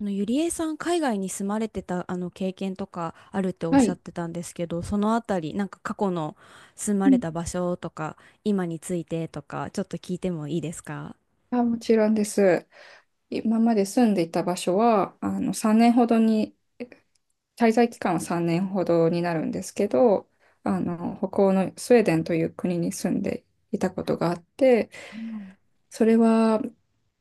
ゆりえさん、海外に住まれてた経験とかあるっておっはしゃっい。てたんですけど、そのあたり、過去の住まうれん。た場所とか、今についてとか、ちょっと聞いてもいいですか？もちろんです。今まで住んでいた場所は、3年ほどに、滞在期間は3年ほどになるんですけど、北欧のスウェーデンという国に住んでいたことがあって、はい。それは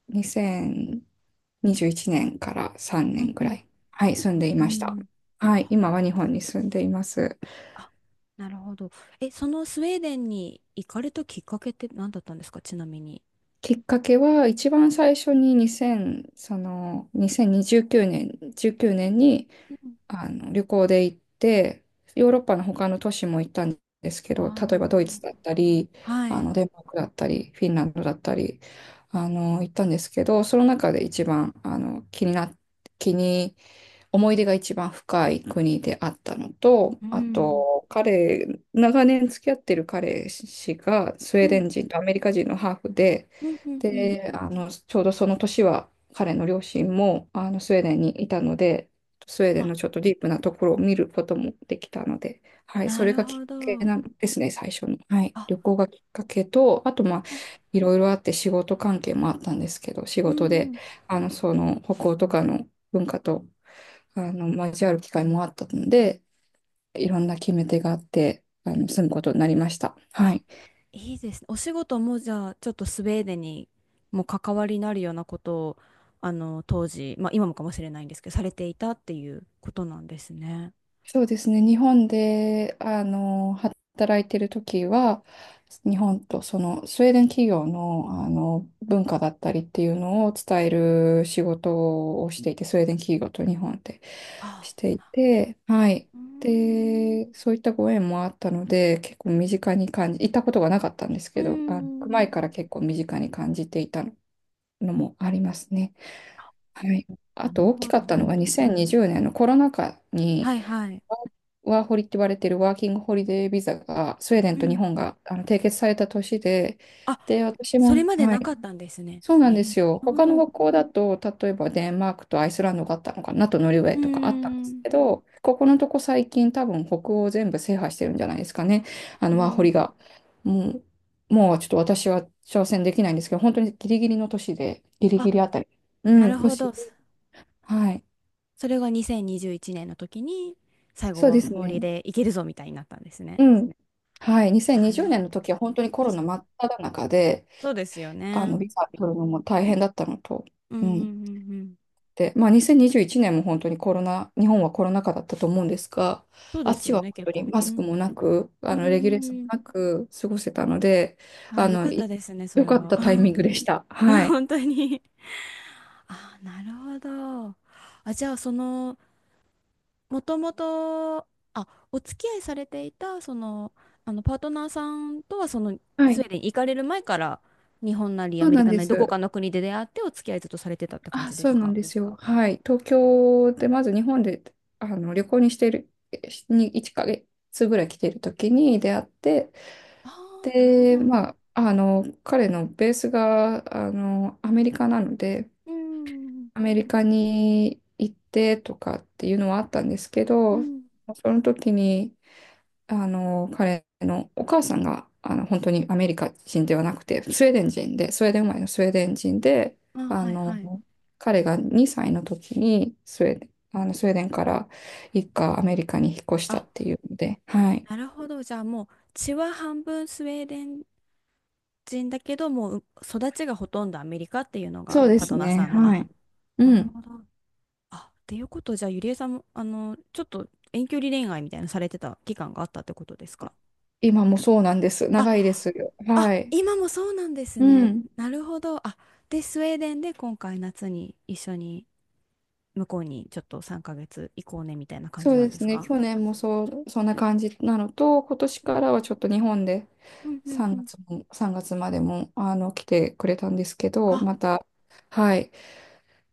2021年から3う年んぐうらん。い、はい、住んでいうました。ん。はい、今は日本に住んでいます。あ、なるほど。え、そのスウェーデンに行かれたきっかけって何だったんですか、ちなみに。きっかけは一番最初に2 0、その2029年、19年にうん。旅行で行って、ヨーロッパの他の都市も行ったんですけど、例えばあドイツだっー、たり、はい。デンマークだったり、フィンランドだったり、行ったんですけど、その中で一番あの気にな気に思い出が一番深い国であったのと、うあん。と、彼、長年付き合ってる彼氏がスウうェーデん。ン人とアメリカ人のハーフで、うんうんうん。で、ちょうどその年は彼の両親もスウェーデンにいたので、スウェーデンあ、のちょっとディープなところを見ることもできたので、はい、そなれるがきっほかけど。なんですね、最初の。はい、あ、旅行がきっかけと、あと、まあ、いろいろあって仕事関係もあったんですけど、仕うん事うで、ん。その北欧とかの文化と交わる機会もあったので、いろんな決め手があって、住むことになりました。はあ、い。いいですね。お仕事もじゃあ、ちょっとスウェーデンにも関わりになるようなことを、あの、当時、まあ今もかもしれないんですけど、されていたっていうことなんですね。そうですね。日本で、働いてる時は、日本とそのスウェーデン企業の、文化だったりっていうのを伝える仕事をしていて、スウェーデン企業と日本であ、していて、はい。うーん、うで、そういったご縁もあったので、結構身近に感じ、行ったことがなかったんですーけど、あ、行く前ん。から結構身近に感じていたのもありますね。はい。あなると大きほかど。ったうのがん。2020年のコロナ禍はに、いはい。ワーホリって言われてるワーキングホリデービザがスウェーデンうと日ん。本が締結された年で、あ、で、私それも、まではない、かったんですね。そうなえんでー、すよ。なるほ他のど。う北欧だと、例えばデンマークとアイスランドがあったのかな、あとノルウェーーとかあったんですん。けど、ここのとこ最近多分北欧全部制覇してるんじゃないですかね。あうのワーホリん。が。ももうちょっと私は挑戦できないんですけど、本当にギリギリの年で、ギリギあ、リあたり。うなるん、ほ年。ど。そはい。それが2021年の時に、最後そうではすフォーリーね。でいけるぞみたいになったんですね。うん。はい。な2020るほ年のど。時は本当にコロナ真っ只中で、そうですよね。ビザ取るのも大変だったのと、うんううんん。うんうん。で、まあ、2021年も本当にコロナ、日本はコロナ禍だったと思うんですが、そうあでっすちよはね、本結当に構。マうスクん。もなく、うレギュレーションーもん。なく過ごせたので、あ、あよの、かったいですね、そ良れかっは。たタイミングでした。は い。本当に。あ、なるほど。あ、じゃあ、その、もともと、あ、お付き合いされていた、その、あの、パートナーさんとは、その、はスウい。ェーデンに行かれる前から、日本なりアそうメリなんカでなり、どこす。かの国で出会って、お付き合いずっとされてたって感あ、じでそうすなか？んですよ。はい。東京で、まず日本で旅行にしている、に1ヶ月ぐらい来ている時に出会って、ああー、なるほど。で、まあ、彼のベースが、アメリカなので、うん。アメリカに行ってとかっていうのはあったんですけうど、ん。その時に、彼のお母さんが、本当にアメリカ人ではなくて、スウェーデン人で、スウェーデン生まれのスウェーデン人で、あ、あはいの、はい。彼が2歳の時にスウェーデン、スウェーデンから一家アメリカに引っ越したあ、っていうので、はい。なるほど。じゃあもう血は半分スウェーデン人だけど、もう育ちがほとんどアメリカっていうのそうがでパーすトナーね、さんの。はあ、い。なうるん。ほど。あ、っていうことじゃあゆりえさんも、あの、ちょっと遠距離恋愛みたいなのされてた期間があったってことですか？今もそうなんです。あ、長いですよ。はあ、い。今もそうなんですうね。ん。なるほど。あ、で、スウェーデンで今回夏に一緒に向こうにちょっと3ヶ月行こうねみたいな感そじうなんでですすね、か？去年もそう、そんな感じなのと、今年からはちょっと日本でうんうんう3ん。月も、3月までも来てくれたんですけど、あ、また、はい、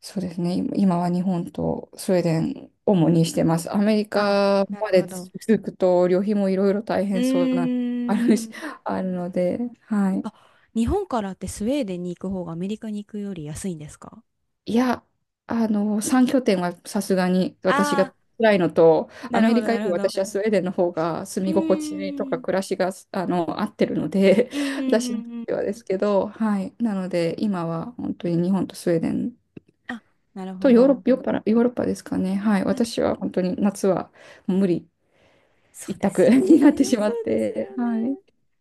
そうですね、今は日本とスウェーデン、主にしてます。アメリあ、カなまるでほど。続くと、旅費もいろいろ大う変そうな、あるーし、ん。あるので、はい。あ、日本からってスウェーデンに行く方がアメリカに行くより安いんですか？いや、3拠点はさすがに私あがあ辛いのと、ー、なアるメほリど、カなよるりほど。私はスウェーデンの方が住うーみ心地とん、うかん、暮らしが、合ってるので、うん、う 私にとん。っうん。てはですけど、はい。なので、今は本当に日本とスウェーデンあ、なるとほヨーロッど。パ、ヨーロッパですかね。はい。なる。私は本当に夏はもう無理そう一です択 よにね。なってしまそっうですて、よね。はい。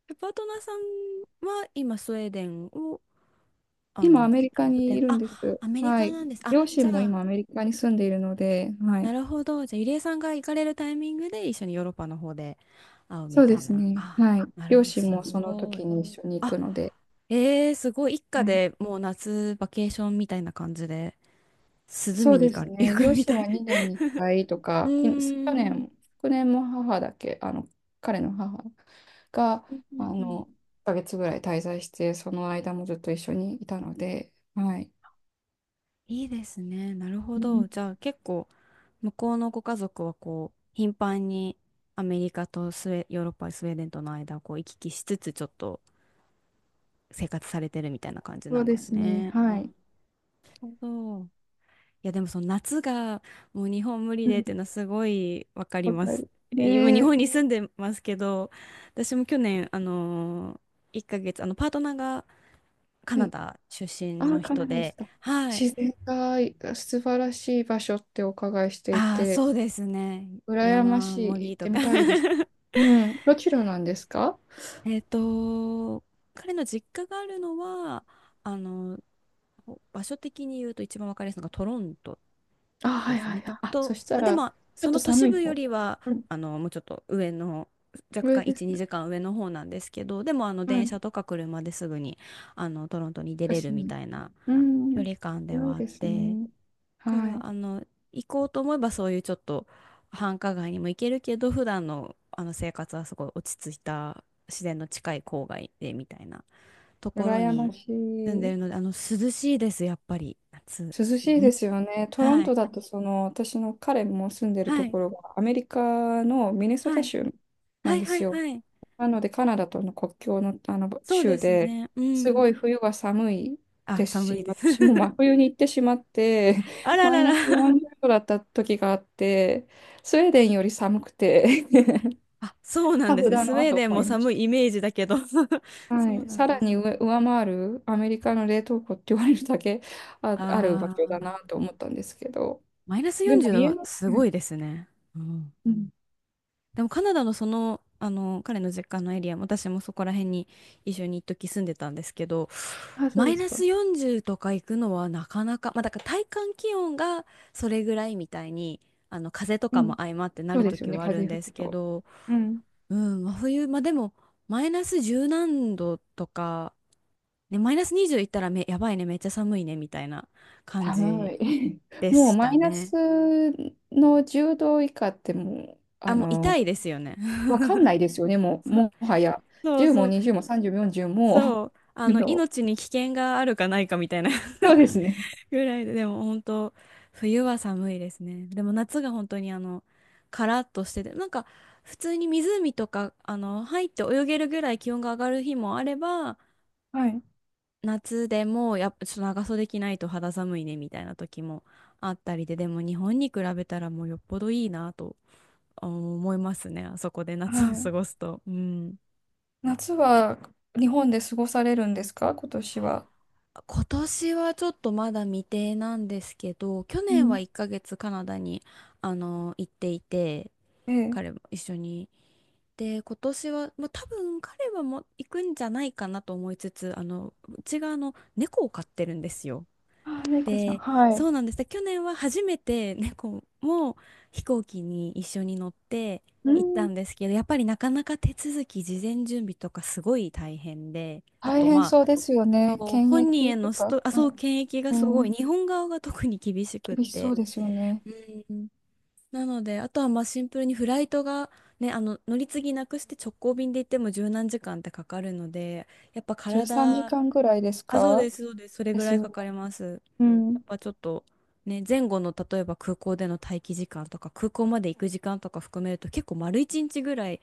え、パートナーさんは今スウェーデンを、あ今、アの、メリカ拠にい点、るんあ、です。アメリはカい。なんです、あ、両じ親ゃも今、アあメリカに住んでいるので、はない。るほど、じゃあゆりえさんが行かれるタイミングで一緒にヨーロッパの方で会うみそうたでいすな、ね。あ、はい。なる両ほど、親すもそのごい。時に一緒に行あ、くので。えー、すごい。一は家い。でもう夏バケーションみたいな感じで、涼そみうにで行か、す行ね。く両み親たはい。2年に1 回とうか、去ーん。年、昨年も母だけ、彼の母が、うんうんうん。1ヶ月ぐらい滞在して、その間もずっと一緒にいたので、はい。いいですね。なるほうど。じん。ゃあ結構、向こうのご家族はこう、頻繁にアメリカとスウェ、ヨーロッパ、スウェーデンとの間をこう行き来しつつ、ちょっと生活されてるみたいな感じそなうんでですすね。ね。あ、はない。るほど。いやでもその夏がもう日本無理うでっん。ていうのはすごいわかりわまかす。る。今日で、本に住んでますけど、私も去年1ヶ月パートナーがカはナい。ダ出身ああ、のカ人ナダでで、すか。はい。自然が素晴らしい場所ってお伺いしていああ、て、そうですね。羨ま山しい。盛行りっとてか。 みたいです。うん。どちらなんですか？ えっと、彼の実家があるのは、あの、場所的に言うと一番わかりやすいのがトロントあ、はでいすはいね。はい。あ、そと、したでら、も、ちょそっとの都市寒い部よ方。りは、うん。あの、もうちょっと上の、若上干で1、す。2時間上の方なんですけど、でも、あの、は電い。車とか車ですぐに、あの、トロントに出れ確るかみに。たいなう距ん。離感で良いはあっですて、ね。だかはら、あい。の、行こうと思えばそういうちょっと繁華街にも行けるけど、普段の、あの生活はすごい落ち着いた自然の近い郊外でみたいなところ羨まにし住んでい。るので、あの、涼しいです、やっぱり、夏。涼しいうん。ですよね。トロンはい。トだと、その、私の彼も住んでるはとい。ころが、アメリカのミネソはタい。州なはんいではすいよ。はい。なので、カナダとの国境の、あのそうで州すでね。うすん。ごい冬は寒いあ、です寒し、いです。私も真 冬に行ってしまって、あ らマらイナスら。40度だった時があって、スウェーデンより寒くて あ、そうなんタでフすね。だスウなェーとデン思もいまし寒いイメージだけど。 そた。はうい、なんさらですにね。上回るアメリカの冷凍庫って言われるだけある場あ所だなあ、と思ったんですけど、マイナスでも40度家はの、すうごん、いですね。うん。うん。でもカナダのその、あの、彼の実家のエリア、私もそこら辺に一緒に一時住んでたんですけど、あ、そうマでイすナか。ス40とか行くのはなかなか、まあだから体感気温がそれぐらいみたいに、あの風とうかもん、相まってなそうるですよ時ね、はある風んで吹すくけと。ど、うん。うん、真冬、まあでも、マイナス十何度とか、ね、マイナス20いったらめ、やばいね、めっちゃ寒いね、みたいな感寒じい。でもうしマたイナね。スの10度以下ってもう、あ、もう痛いですよね。わかん ないですよね、もう、もはや。そう10そもう、20も30も40も、そう。あの、の、命に危険があるかないかみたいな。 そうですね。ぐらいで、でも本当、冬は寒いですね。でも夏が本当にあの、カラッとしてて、普通に湖とか、あの、入って泳げるぐらい気温が上がる日もあれば、はい。夏でもやっぱちょっと長袖着ないと肌寒いねみたいな時もあったりで、でも日本に比べたらもうよっぽどいいなとあ思いますね、あそこでは夏を過い。ごすと。うん。夏は日本で過ごされるんですか、今年は。今年はちょっとまだ未定なんですけど、去う年はん。1ヶ月カナダに行っていて、ええ。彼も一緒に。で、今年は、まあ、多分彼はもう行くんじゃないかなと思いつつ、あの、うちがあの猫を飼ってるんですよ。あ、猫ちゃん。で、はそい。うなんです。で去年は初めて猫も飛行機に一緒に乗ってう行ったん。んですけど、やっぱりなかなか手続き、事前準備とかすごい大変で、あ大と変まそうであ、すよね。そう検本人へ疫とのスか。ト、あ、はそう、い。検疫がうすごい、ん。日本側が特に厳しくっ厳しそて。うですよね。うん。なので、あとはまあシンプルにフライトが、ね、あの乗り継ぎなくして直行便で行っても十何時間ってかかるので、やっぱ13時体、間ぐらいですあ、そうでか？す、そうです、それでぐらすいよかね。かります。うやん。っぱちょっとね、前後の例えば空港での待機時間とか空港まで行く時間とか含めると結構丸一日ぐらい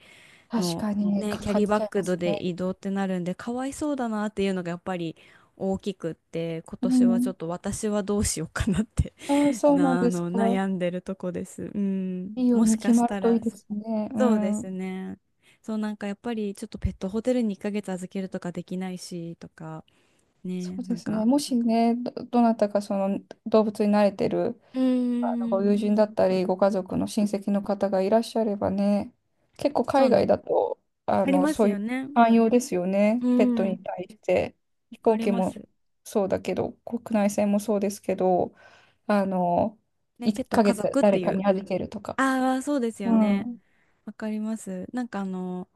確のかに、ね、かキャかっリーバちッゃいまグすでね。移動ってなるんでかわいそうだなっていうのがやっぱり大きくって今う年はちょっん。と私はどうしようかなって。 ああ、そうなんですか。悩んでるとこです。うん、いいようもしにか決しまるたといらいですね。うそうですん。ね。そう、やっぱりちょっとペットホテルに1ヶ月預けるとかできないしとかそね、うなでんすね。かもしね、どなたかその動物に慣れてるうーご友ん。人だったり、ご家族の親戚の方がいらっしゃればね、結構そう海な外んでだす。と、ありますそういようね。寛容ですようね。ペットん、わに対して。飛か行り機まもす。そうだけど、国内線もそうですけど、あの、ね、1ペットは家ヶ月族って誰いかう。に預けるとか。ああ、そうですようね。ん。わかります。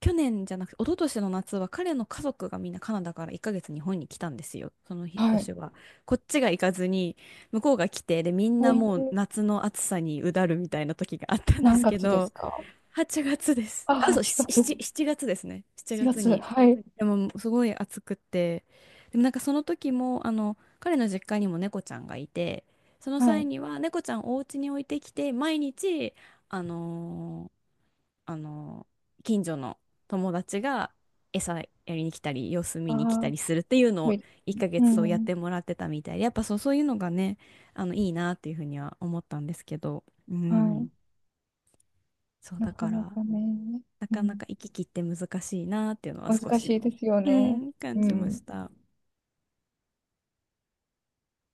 去年じゃなくて、一昨年の夏は彼の家族がみんなカナダから1ヶ月日本に来たんですよ。その日はい。年は。こっちが行かずに、向こうが来て、で、みんえなもうー夏の暑さにうだるみたいな時があったんで何すけ月ですど、か？8月です。あ、ああー、そう、月、7、7月ですね。7 4月月、に。はい、でも、すごい暑くて。でもその時も、あの、彼の実家にも猫ちゃんがいて、そのは際い。には猫ちゃんをお家に置いてきて、毎日、あのーあのー近所の友達が餌やりに来たり、様子あ見に来たあ、りするっていうのはをい。1ヶう月そうやっん、てもらってたみたいで、やっぱそう、そういうのがね、あの、いいなっていうふうには思ったんですけど、うはん。い。そうなだかかならかね、なうかなん、か行き来って難しいなっていうのは少難し、しいですようね。ん、感うじましん。た。